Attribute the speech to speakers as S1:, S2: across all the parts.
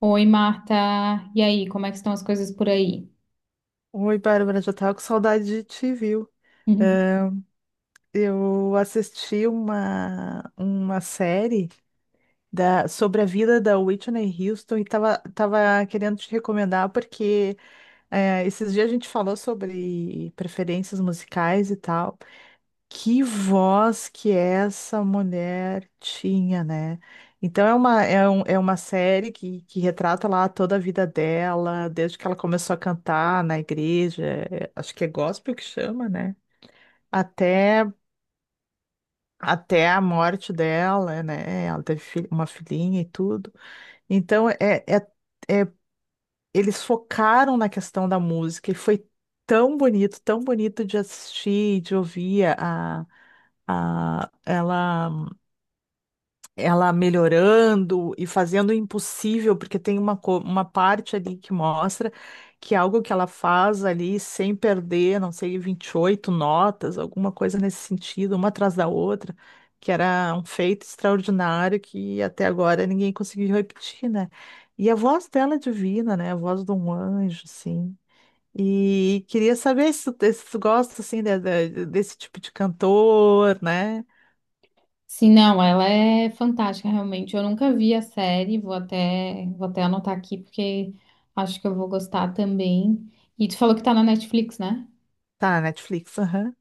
S1: Oi, Marta. E aí, como é que estão as coisas por aí?
S2: Oi, Bárbara, já tava com saudade de te, viu?
S1: Uhum.
S2: É, Eu assisti uma série sobre a vida da Whitney Houston e tava querendo te recomendar porque esses dias a gente falou sobre preferências musicais e tal. Que voz que essa mulher tinha, né? Então é uma série que retrata lá toda a vida dela, desde que ela começou a cantar na igreja, acho que é gospel que chama, né? Até, até a morte dela, né? Ela teve uma filhinha e tudo. Então, é, é- eles focaram na questão da música e foi tão bonito de assistir, de ouvir a ela. Ela melhorando e fazendo o impossível, porque tem uma parte ali que mostra que é algo que ela faz ali sem perder, não sei, 28 notas, alguma coisa nesse sentido, uma atrás da outra, que era um feito extraordinário que até agora ninguém conseguiu repetir, né? E a voz dela é divina, né? A voz de um anjo, assim. E queria saber se tu, se tu gosta, assim, desse tipo de cantor, né?
S1: Sim, não, ela é fantástica, realmente. Eu nunca vi a série, vou até anotar aqui, porque acho que eu vou gostar também. E tu falou que tá na Netflix, né?
S2: Tá, Netflix.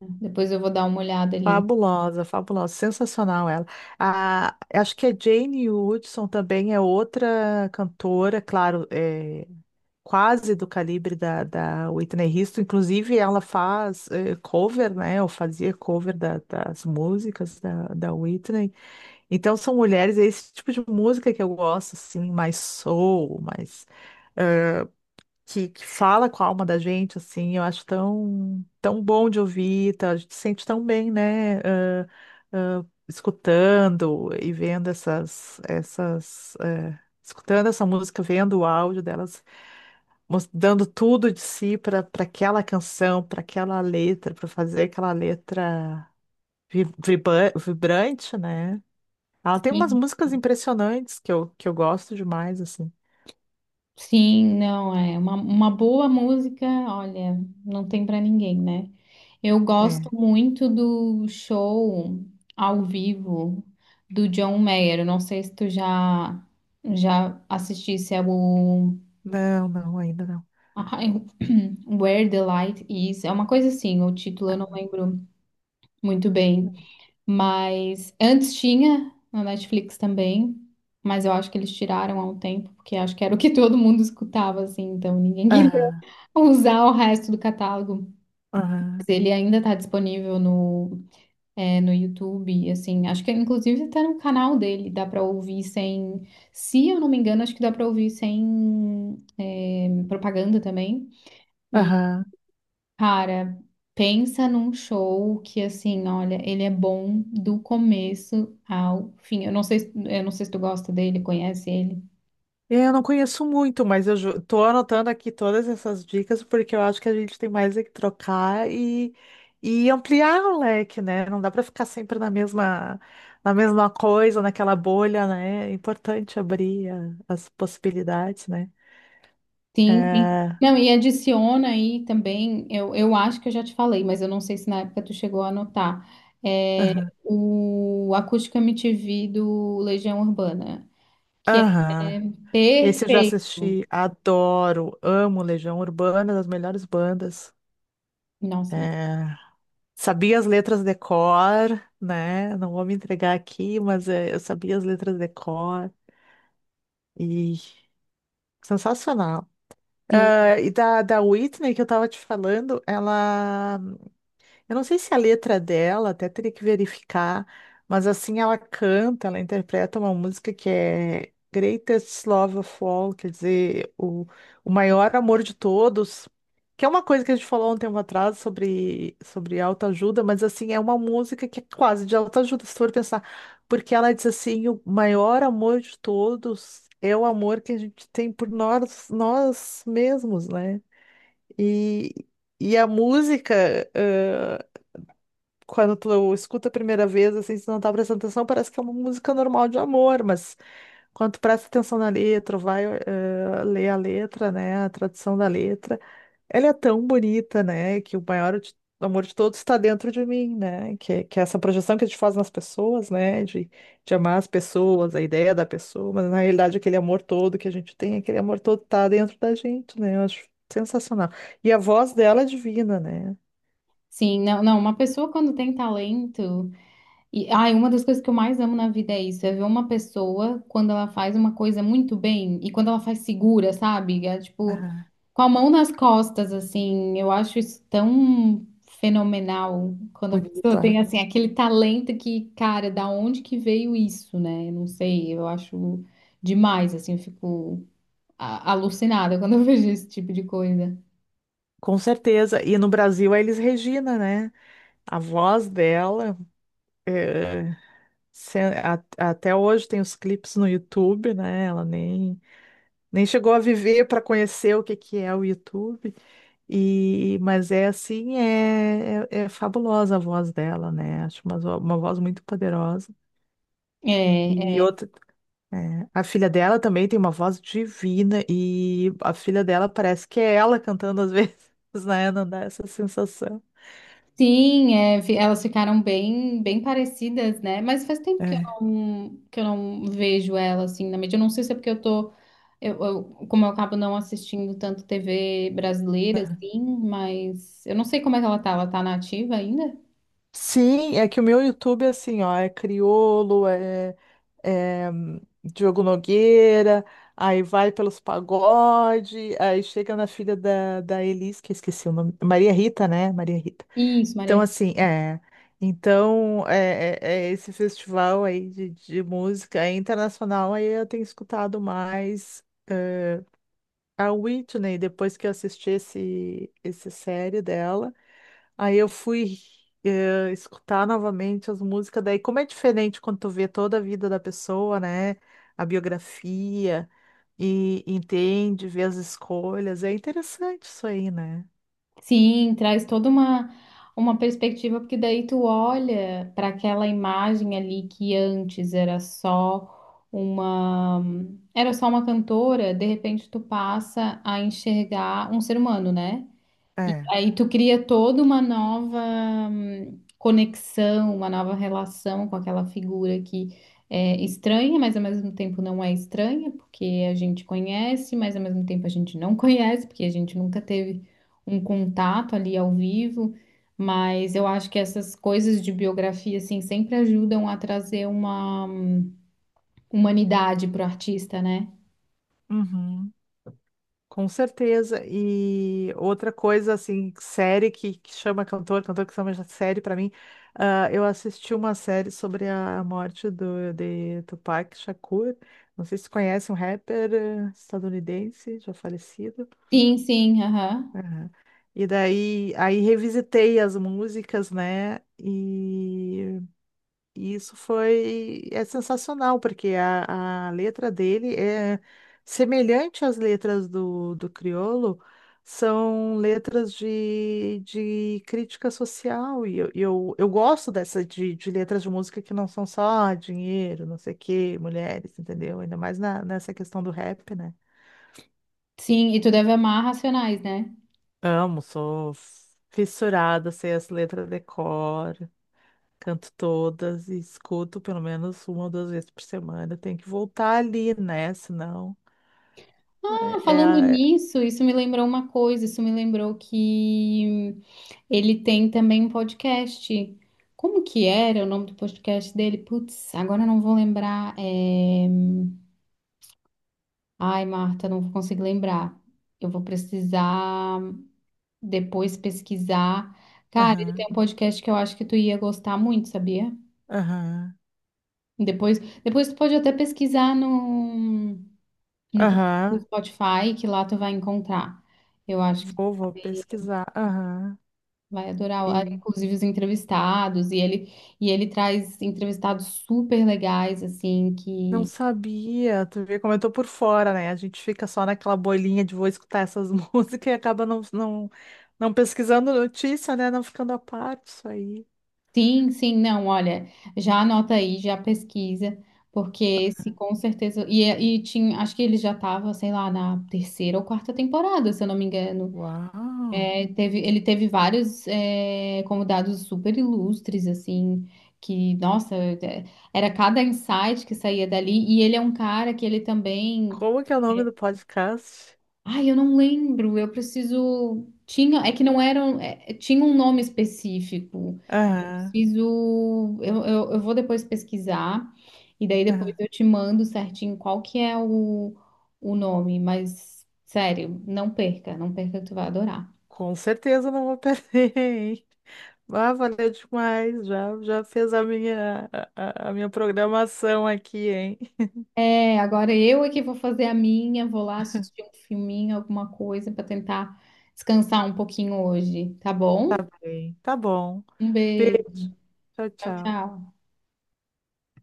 S1: Depois eu vou dar uma olhada ali.
S2: Fabulosa, fabulosa, sensacional ela. Acho que a Jane Hudson também é outra cantora, claro, é, quase do calibre da, da Whitney Houston. Inclusive, ela faz cover, né? Ou fazia cover das músicas da Whitney. Então, são mulheres, é esse tipo de música que eu gosto, assim, mais soul, mais que fala com a alma da gente, assim, eu acho tão, tão bom de ouvir, tá? A gente se sente tão bem, né? Escutando e vendo essas, essas, eh, escutando essa música, vendo o áudio delas, mos- dando tudo de si para aquela canção, para aquela letra, para fazer aquela letra vibrante, né? Ela tem umas
S1: Sim.
S2: músicas impressionantes que eu gosto demais, assim.
S1: Sim, não, é uma boa música, olha, não tem pra ninguém, né? Eu gosto
S2: É.
S1: muito do show ao vivo do John Mayer. Eu não sei se tu já assistisse ao
S2: Não, não, ainda não.
S1: ai, Where the Light Is. É uma coisa assim, o título eu não lembro muito bem, mas antes tinha na Netflix também. Mas eu acho que eles tiraram há um tempo, porque acho que era o que todo mundo escutava, assim, então ninguém
S2: Ah,
S1: usar o resto do catálogo.
S2: ah.
S1: Ele ainda está disponível no YouTube, assim, acho que inclusive até no canal dele, dá para ouvir sem, se eu não me engano, acho que dá para ouvir sem propaganda também. E,
S2: Aham.
S1: cara, pensa num show que, assim, olha, ele é bom do começo ao fim. Eu não sei, eu não sei se tu gosta dele, conhece ele.
S2: Eu não conheço muito, mas tô anotando aqui todas essas dicas porque eu acho que a gente tem mais é que trocar e ampliar o leque, né? Não dá para ficar sempre na mesma coisa, naquela bolha, né? É importante abrir as possibilidades, né?
S1: Sim, sim.
S2: É.
S1: Não, e adiciona aí também, eu acho que eu já te falei, mas eu não sei se na época tu chegou a anotar, é,
S2: Aham.
S1: o Acústica MTV do Legião Urbana, que é
S2: Aham. Esse eu já
S1: perfeito.
S2: assisti, adoro, amo Legião Urbana, das melhores bandas.
S1: Nossa,
S2: É. Sabia as letras de cor, né? Não vou me entregar aqui, mas eu sabia as letras de cor e sensacional.
S1: sim,
S2: Ah, e da, da Whitney que eu tava te falando, ela eu não sei se a letra dela, até teria que verificar, mas assim ela canta, ela interpreta uma música que é Greatest Love of All, quer dizer, o maior amor de todos, que é uma coisa que a gente falou há um tempo atrás sobre autoajuda, mas assim, é uma música que é quase de autoajuda, se for pensar, porque ela diz assim, o maior amor de todos é o amor que a gente tem por nós, nós mesmos, né? E, e a música quando tu escuta a primeira vez, assim, se tu não tá prestando atenção, parece que é uma música normal de amor, mas quando tu presta atenção na letra, vai ler a letra, né, a tradução da letra, ela é tão bonita, né, que o amor de todos está dentro de mim, né, que é essa projeção que a gente faz nas pessoas, né, de amar as pessoas, a ideia da pessoa, mas na realidade aquele amor todo que a gente tem, aquele amor todo tá dentro da gente, né, eu acho sensacional. E a voz dela é divina, né.
S1: sim, não, não, uma pessoa quando tem talento, e ai, uma das coisas que eu mais amo na vida é isso, é ver uma pessoa quando ela faz uma coisa muito bem e quando ela faz segura, sabe? É, tipo,
S2: Ah,
S1: com a mão nas costas, assim, eu acho isso tão fenomenal quando a pessoa tem,
S2: bonito.
S1: assim, aquele talento que, cara, da onde que veio isso, né? Eu não sei, eu acho demais, assim, eu fico alucinada quando eu vejo esse tipo de coisa.
S2: Com certeza. E no Brasil é Elis Regina, né? A voz dela, é, se- até hoje tem os clipes no YouTube, né? Ela nem chegou a viver para conhecer o que que é o YouTube. E, mas é assim, é fabulosa a voz dela, né? Acho uma voz muito poderosa.
S1: É,
S2: E outra, a filha dela também tem uma voz divina e a filha dela parece que é ela cantando às vezes, né? Não dá essa sensação.
S1: sim, elas ficaram bem, bem parecidas, né? Mas faz tempo que eu
S2: É.
S1: não vejo ela assim na mídia. Eu não sei se é porque eu tô, como eu acabo não assistindo tanto TV brasileira, assim, mas eu não sei como é que ela tá. Ela tá na ativa ainda?
S2: Sim, é que o meu YouTube, é assim, ó, é Criolo, Diogo Nogueira, aí vai pelos pagode, aí chega na filha da Elis, que eu esqueci o nome, Maria Rita, né? Maria Rita.
S1: Isso,
S2: Então,
S1: Maria.
S2: assim, é. Então, é esse festival aí de música é internacional, aí eu tenho escutado mais eh, a Whitney, depois que eu assisti esse série dela. Aí eu fui escutar novamente as músicas. Daí, como é diferente quando tu vê toda a vida da pessoa, né? A biografia e entende, vê as escolhas. É interessante isso aí, né?
S1: Sim, traz toda uma perspectiva, porque daí tu olha para aquela imagem ali que antes era só era só uma cantora, de repente tu passa a enxergar um ser humano, né? E
S2: É.
S1: aí tu cria toda uma nova conexão, uma nova relação com aquela figura que é estranha, mas ao mesmo tempo não é estranha, porque a gente conhece, mas ao mesmo tempo a gente não conhece, porque a gente nunca teve um contato ali ao vivo. Mas eu acho que essas coisas de biografia, assim, sempre ajudam a trazer uma humanidade pro artista, né?
S2: Uhum. Com certeza. E outra coisa, assim, série que chama cantor, cantor que chama série pra mim, ah, eu assisti uma série sobre a morte de Tupac Shakur. Não sei se você conhece um rapper estadunidense, já falecido.
S1: Sim, sim, aham.
S2: Aham. E daí, aí revisitei as músicas, né? E isso foi é sensacional, porque a letra dele é semelhante às letras do Criolo, são letras de crítica social, e eu gosto dessa de letras de música que não são só dinheiro, não sei o quê, mulheres, entendeu? Ainda mais nessa questão do rap, né?
S1: Sim, e tu deve amar Racionais, né?
S2: Amo, sou fissurada, sei as letras de cor. Canto todas e escuto pelo menos uma ou duas vezes por semana. Tem que voltar ali, né? Senão
S1: Ah,
S2: é, é
S1: falando
S2: a. é-
S1: nisso, isso me lembrou uma coisa, isso me lembrou que ele tem também um podcast. Como que era o nome do podcast dele? Putz, agora eu não vou lembrar. Ai, Marta, não vou conseguir lembrar. Eu vou precisar depois pesquisar. Cara, ele
S2: Aham,
S1: tem um podcast que eu acho que tu ia gostar muito, sabia?
S2: aham,
S1: Depois, depois tu pode até pesquisar no
S2: aham.
S1: Spotify, que lá tu vai encontrar. Eu acho que
S2: Vou pesquisar. Aham.
S1: vai adorar, ah,
S2: E
S1: inclusive os entrevistados, e ele traz entrevistados super legais, assim,
S2: não
S1: que
S2: sabia. Tu vê como eu tô por fora, né? A gente fica só naquela bolinha de vou escutar essas músicas e acaba não pesquisando notícia, né? Não ficando a par disso aí.
S1: sim, sim, não, olha, já anota aí, já pesquisa, porque esse com certeza, e tinha, acho que ele já estava, sei lá, na terceira ou quarta temporada, se eu não me engano.
S2: Uau!
S1: É, teve, ele teve vários convidados super ilustres, assim, que, nossa, é, era cada insight que saía dali, e ele é um cara que ele também.
S2: Como que é o nome do podcast?
S1: Ai, eu não lembro. Eu preciso. Tinha. É que não eram. Tinha um nome específico. Eu
S2: Aham,
S1: preciso. Eu vou depois pesquisar. E daí depois
S2: aham.
S1: eu te mando certinho qual que é o nome. Mas, sério, não perca. Não perca que tu vai adorar.
S2: Com certeza não vou perder, hein? Ah, valeu demais. Já fez a minha, a minha programação aqui, hein?
S1: É, agora eu é que vou fazer a minha. Vou lá assistir um filminho, alguma coisa, para tentar descansar um pouquinho hoje. Tá
S2: Tá
S1: bom?
S2: bem. Tá bom.
S1: Um beijo.
S2: Beijo. Tchau,
S1: Tchau,
S2: tchau.
S1: tchau.